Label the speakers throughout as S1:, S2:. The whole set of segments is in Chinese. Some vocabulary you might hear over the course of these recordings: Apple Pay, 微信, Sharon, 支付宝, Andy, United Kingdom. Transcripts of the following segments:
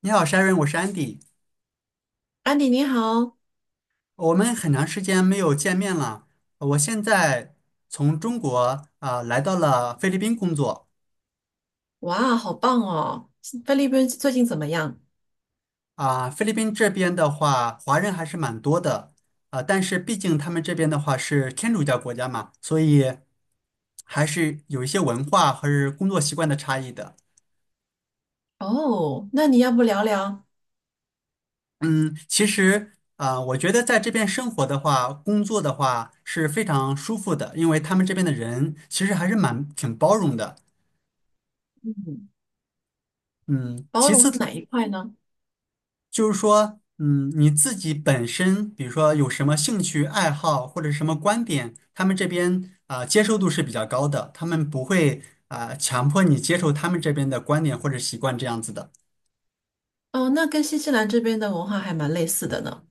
S1: 你好，Sharon，我是 Andy。
S2: 安迪你好。
S1: 我们很长时间没有见面了。我现在从中国来到了菲律宾工作。
S2: 哇，好棒哦！菲律宾最近怎么样？
S1: 菲律宾这边的话，华人还是蛮多的。但是毕竟他们这边的话是天主教国家嘛，所以还是有一些文化和是工作习惯的差异的。
S2: 哦，那你要不聊聊。
S1: 嗯，其实我觉得在这边生活的话，工作的话是非常舒服的，因为他们这边的人其实还是蛮挺包容的。
S2: 嗯，
S1: 嗯，
S2: 包
S1: 其
S2: 容
S1: 次
S2: 是哪一块呢？
S1: 就是说，嗯，你自己本身，比如说有什么兴趣爱好或者什么观点，他们这边接受度是比较高的，他们不会强迫你接受他们这边的观点或者习惯这样子的，
S2: 哦，那跟新西兰这边的文化还蛮类似的呢，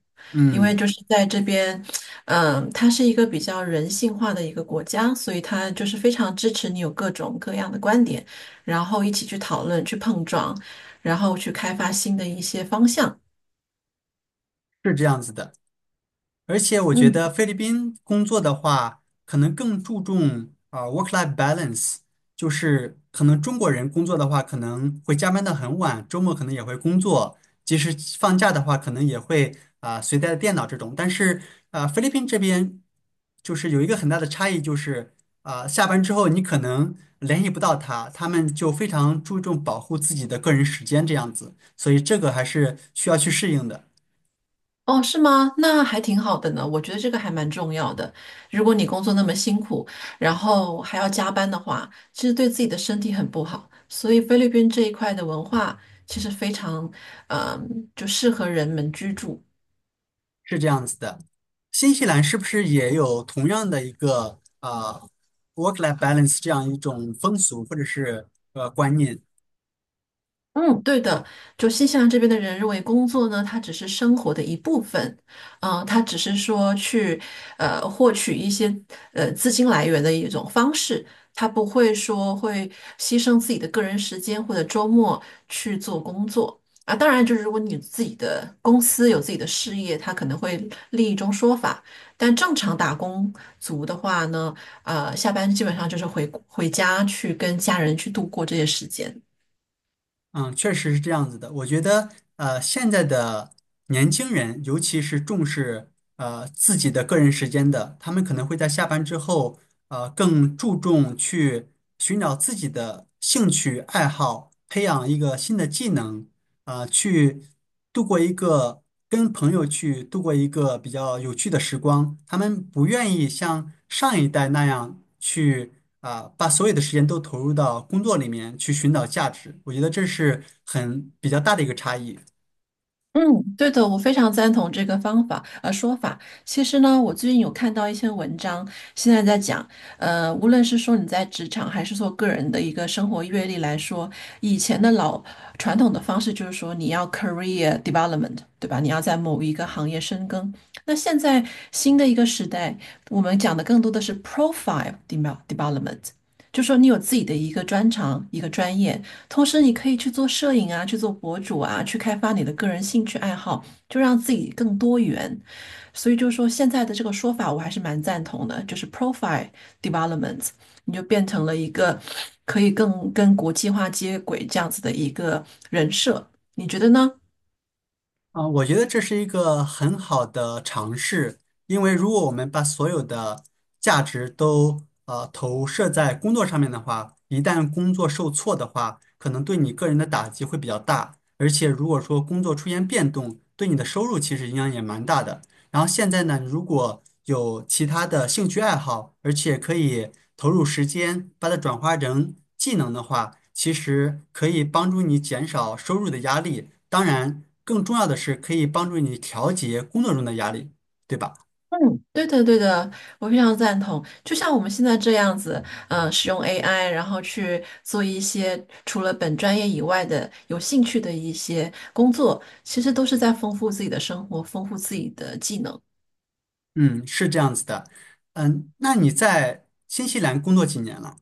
S2: 因为
S1: 嗯，
S2: 就是在这边，嗯，它是一个比较人性化的一个国家，所以它就是非常支持你有各种各样的观点，然后一起去讨论、去碰撞，然后去开发新的一些方向。
S1: 是这样子的。而且我觉
S2: 嗯。
S1: 得菲律宾工作的话，可能更注重work-life balance，就是可能中国人工作的话，可能会加班到很晚，周末可能也会工作，即使放假的话，可能也会随带电脑这种。但是菲律宾这边就是有一个很大的差异，就是下班之后你可能联系不到他，他们就非常注重保护自己的个人时间这样子，所以这个还是需要去适应的。
S2: 哦，是吗？那还挺好的呢。我觉得这个还蛮重要的。如果你工作那么辛苦，然后还要加班的话，其实对自己的身体很不好。所以菲律宾这一块的文化其实非常，嗯、就适合人们居住。
S1: 是这样子的，新西兰是不是也有同样的一个work-life balance 这样一种风俗或者是观念？
S2: 嗯，对的，就新西兰这边的人认为工作呢，它只是生活的一部分，嗯、它只是说去获取一些资金来源的一种方式，他不会说会牺牲自己的个人时间或者周末去做工作啊。当然，就是如果你自己的公司有自己的事业，它可能会另一种说法。但正常打工族的话呢，下班基本上就是回家去跟家人去度过这些时间。
S1: 嗯，确实是这样子的。我觉得现在的年轻人，尤其是重视自己的个人时间的，他们可能会在下班之后更注重去寻找自己的兴趣爱好，培养一个新的技能。啊，去度过一个跟朋友度过一个比较有趣的时光。他们不愿意像上一代那样去啊，把所有的时间都投入到工作里面去寻找价值。我觉得这是比较大的一个差异。
S2: 嗯，对的，我非常赞同这个说法。其实呢，我最近有看到一些文章，现在在讲，无论是说你在职场还是说个人的一个生活阅历来说，以前的老传统的方式就是说你要 career development，对吧？你要在某一个行业深耕。那现在新的一个时代，我们讲的更多的是 profile development，就说你有自己的一个专长、一个专业，同时，你可以去做摄影啊，去做博主啊，去开发你的个人兴趣爱好，就让自己更多元。所以就是说，现在的这个说法我还是蛮赞同的，就是 profile development，你就变成了一个可以更跟国际化接轨这样子的一个人设，你觉得呢？
S1: 啊，我觉得这是一个很好的尝试，因为如果我们把所有的价值都投射在工作上面的话，一旦工作受挫的话，可能对你个人的打击会比较大，而且如果说工作出现变动，对你的收入其实影响也蛮大的。然后现在呢，如果有其他的兴趣爱好，而且可以投入时间把它转化成技能的话，其实可以帮助你减少收入的压力。当然，更重要的是可以帮助你调节工作中的压力，对吧？
S2: 嗯，对的，对的，我非常赞同。就像我们现在这样子，使用 AI，然后去做一些除了本专业以外的有兴趣的一些工作，其实都是在丰富自己的生活，丰富自己的技能。
S1: 嗯，是这样子的。嗯，那你在新西兰工作几年了？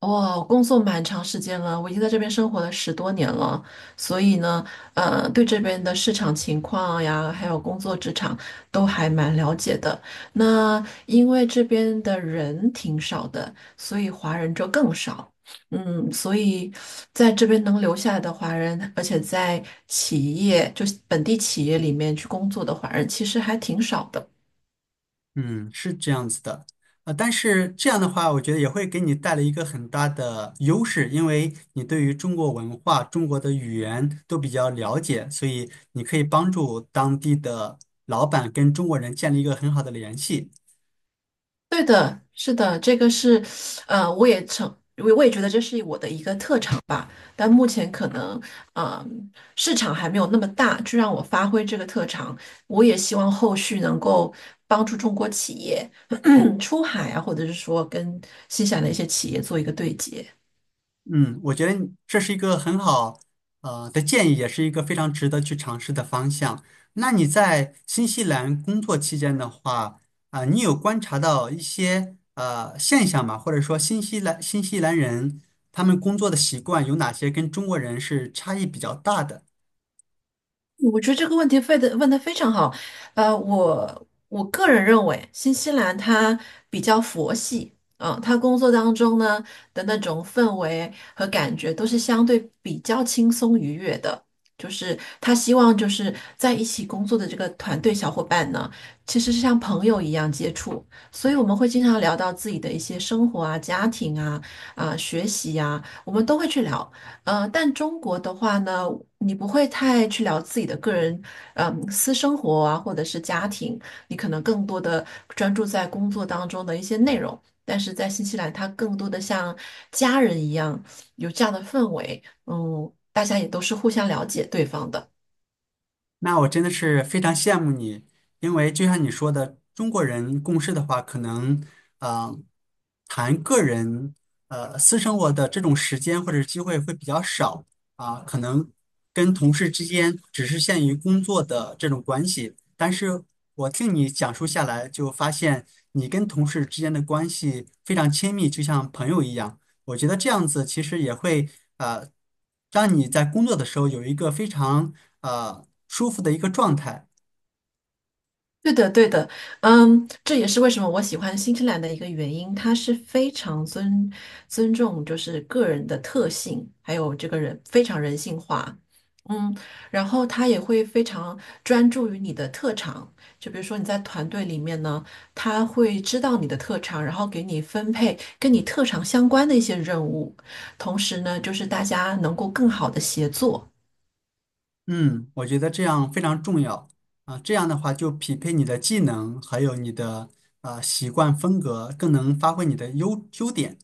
S2: 哇，我工作蛮长时间了，我已经在这边生活了十多年了，所以呢，对这边的市场情况呀，还有工作职场都还蛮了解的。那因为这边的人挺少的，所以华人就更少。嗯，所以在这边能留下来的华人，而且在企业，就是本地企业里面去工作的华人，其实还挺少的。
S1: 嗯，是这样子的，啊，但是这样的话，我觉得也会给你带来一个很大的优势，因为你对于中国文化、中国的语言都比较了解，所以你可以帮助当地的老板跟中国人建立一个很好的联系。
S2: 对的，是的，这个是，呃，我也成，我也觉得这是我的一个特长吧。但目前可能，呃，市场还没有那么大，去让我发挥这个特长。我也希望后续能够帮助中国企业 出海啊，或者是说跟新西兰的一些企业做一个对接。
S1: 嗯，我觉得你这是一个很好的建议，也是一个非常值得去尝试的方向。那你在新西兰工作期间的话，你有观察到一些现象吗？或者说新西兰人他们工作的习惯有哪些跟中国人是差异比较大的？
S2: 我觉得这个问题问的非常好，我个人认为，新西兰它比较佛系，啊，它工作当中呢的那种氛围和感觉都是相对比较轻松愉悦的，就是他希望就是在一起工作的这个团队小伙伴呢，其实是像朋友一样接触，所以我们会经常聊到自己的一些生活啊、家庭啊、啊、学习呀、我们都会去聊。但中国的话呢，你不会太去聊自己的个人，嗯，私生活啊，或者是家庭，你可能更多的专注在工作当中的一些内容。但是在新西兰，它更多的像家人一样，有这样的氛围，嗯，大家也都是互相了解对方的。
S1: 那我真的是非常羡慕你，因为就像你说的，中国人共事的话，可能呃，谈个人私生活的这种时间或者机会会比较少啊，可能跟同事之间只是限于工作的这种关系。但是我听你讲述下来，就发现你跟同事之间的关系非常亲密，就像朋友一样。我觉得这样子其实也会呃，让你在工作的时候有一个非常舒服的一个状态。
S2: 对的，对的，嗯，这也是为什么我喜欢新西兰的一个原因，它是非常尊重，就是个人的特性，还有这个人非常人性化，嗯，然后他也会非常专注于你的特长，就比如说你在团队里面呢，他会知道你的特长，然后给你分配跟你特长相关的一些任务，同时呢，就是大家能够更好的协作。
S1: 嗯，我觉得这样非常重要啊，这样的话就匹配你的技能，还有你的习惯风格，更能发挥你的优点。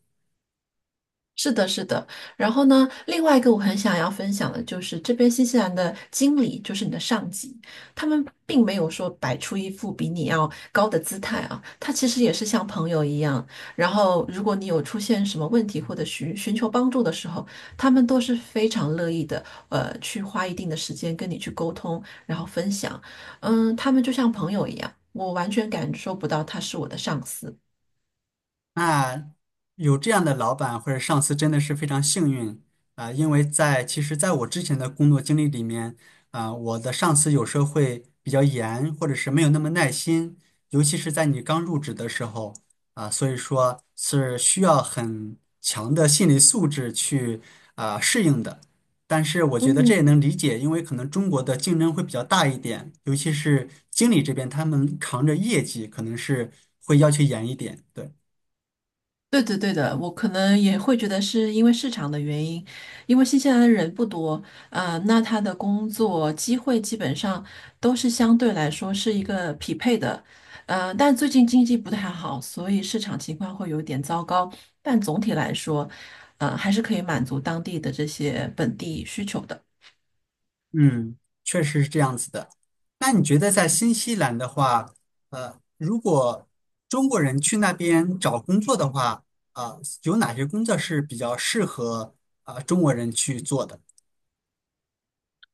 S2: 是的，是的。然后呢，另外一个我很想要分享的就是这边新西兰的经理，就是你的上级，他们并没有说摆出一副比你要高的姿态啊，他其实也是像朋友一样。然后，如果你有出现什么问题或者寻求帮助的时候，他们都是非常乐意的，去花一定的时间跟你去沟通，然后分享。嗯，他们就像朋友一样，我完全感受不到他是我的上司。
S1: 那有这样的老板或者上司真的是非常幸运啊，因为其实在我之前的工作经历里面，啊，我的上司有时候会比较严，或者是没有那么耐心，尤其是在你刚入职的时候啊，所以说是需要很强的心理素质去啊适应的。但是我觉得这也
S2: 嗯
S1: 能理解，因为可能中国的竞争会比较大一点，尤其是经理这边，他们扛着业绩，可能是会要求严一点，对。
S2: 对的，对的，我可能也会觉得是因为市场的原因，因为新西兰的人不多，啊、那他的工作机会基本上都是相对来说是一个匹配的，但最近经济不太好，所以市场情况会有点糟糕，但总体来说，还是可以满足当地的这些本地需求的。
S1: 嗯，确实是这样子的。那你觉得在新西兰的话，如果中国人去那边找工作的话，有哪些工作是比较适合中国人去做的？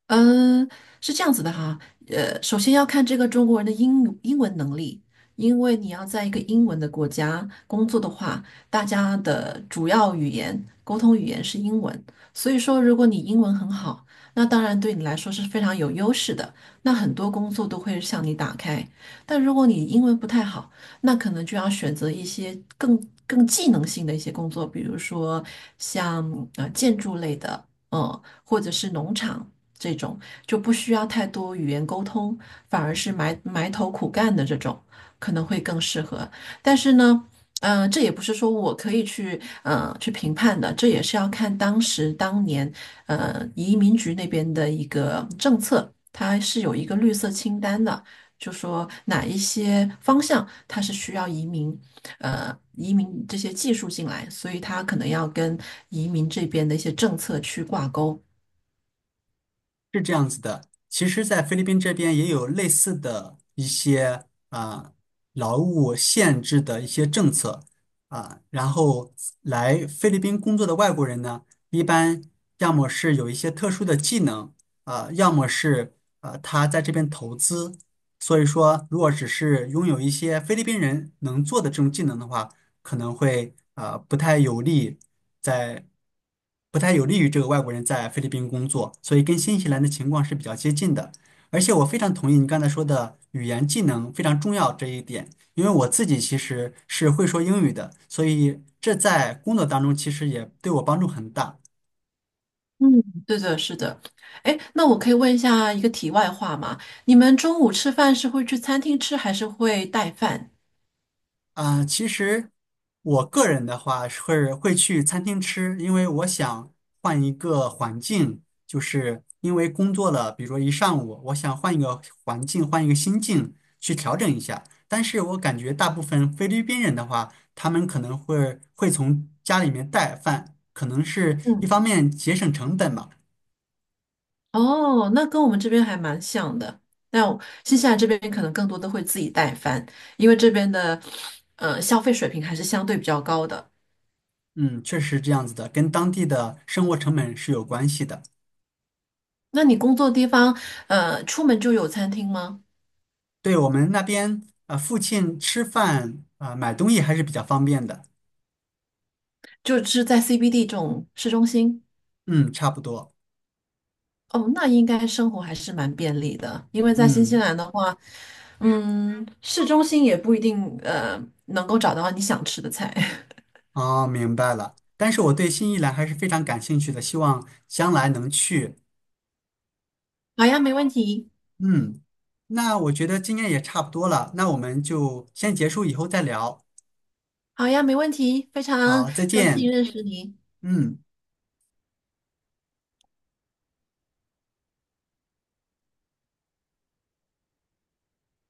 S2: 嗯，是这样子的哈，首先要看这个中国人的英文能力，因为你要在一个英文的国家工作的话，大家的主要沟通语言是英文，所以说如果你英文很好，那当然对你来说是非常有优势的，那很多工作都会向你打开。但如果你英文不太好，那可能就要选择一些更技能性的一些工作，比如说像建筑类的，嗯，或者是农场。这种，就不需要太多语言沟通，反而是埋头苦干的这种，可能会更适合。但是呢，嗯、这也不是说我可以去去评判的，这也是要看当年移民局那边的一个政策，它是有一个绿色清单的。就说哪一些方向它是需要移民，移民这些技术进来，所以它可能要跟移民这边的一些政策去挂钩。
S1: 是这样子的，其实，在菲律宾这边也有类似的一些啊、劳务限制的一些政策。然后来菲律宾工作的外国人呢，一般要么是有一些特殊的技能，要么是他在这边投资。所以说，如果只是拥有一些菲律宾人能做的这种技能的话，可能会不太有利在不太有利于这个外国人在菲律宾工作，所以跟新西兰的情况是比较接近的。而且我非常同意你刚才说的语言技能非常重要这一点，因为我自己其实是会说英语的，所以这在工作当中其实也对我帮助很大。
S2: 嗯，对的，是的。哎，那我可以问一下一个题外话吗？你们中午吃饭是会去餐厅吃，还是会带饭？
S1: 啊，其实我个人的话是会去餐厅吃，因为我想换一个环境，就是因为工作了，比如说一上午，我想换一个环境，换一个心境去调整一下。但是我感觉大部分菲律宾人的话，他们可能会从家里面带饭，可能是一
S2: 嗯，
S1: 方面节省成本吧。
S2: 哦，那跟我们这边还蛮像的。那我新西兰这边可能更多的会自己带饭，因为这边的消费水平还是相对比较高的。
S1: 嗯，确实是这样子的，跟当地的生活成本是有关系的。
S2: 那你工作地方出门就有餐厅吗？
S1: 对，我们那边啊，附近吃饭啊，买东西还是比较方便的。
S2: 就是在 CBD 这种市中心？
S1: 嗯，差不多。
S2: 哦，那应该生活还是蛮便利的，因为在新西
S1: 嗯，
S2: 兰的话，嗯，市中心也不一定能够找到你想吃的菜。
S1: 哦，明白了。但是我对新西兰还是非常感兴趣的，希望将来能去。
S2: 好呀，没问题。
S1: 嗯，那我觉得今天也差不多了，那我们就先结束，以后再聊。
S2: 好呀，没问题。非常
S1: 好，再
S2: 高兴
S1: 见。
S2: 认识你。
S1: 嗯。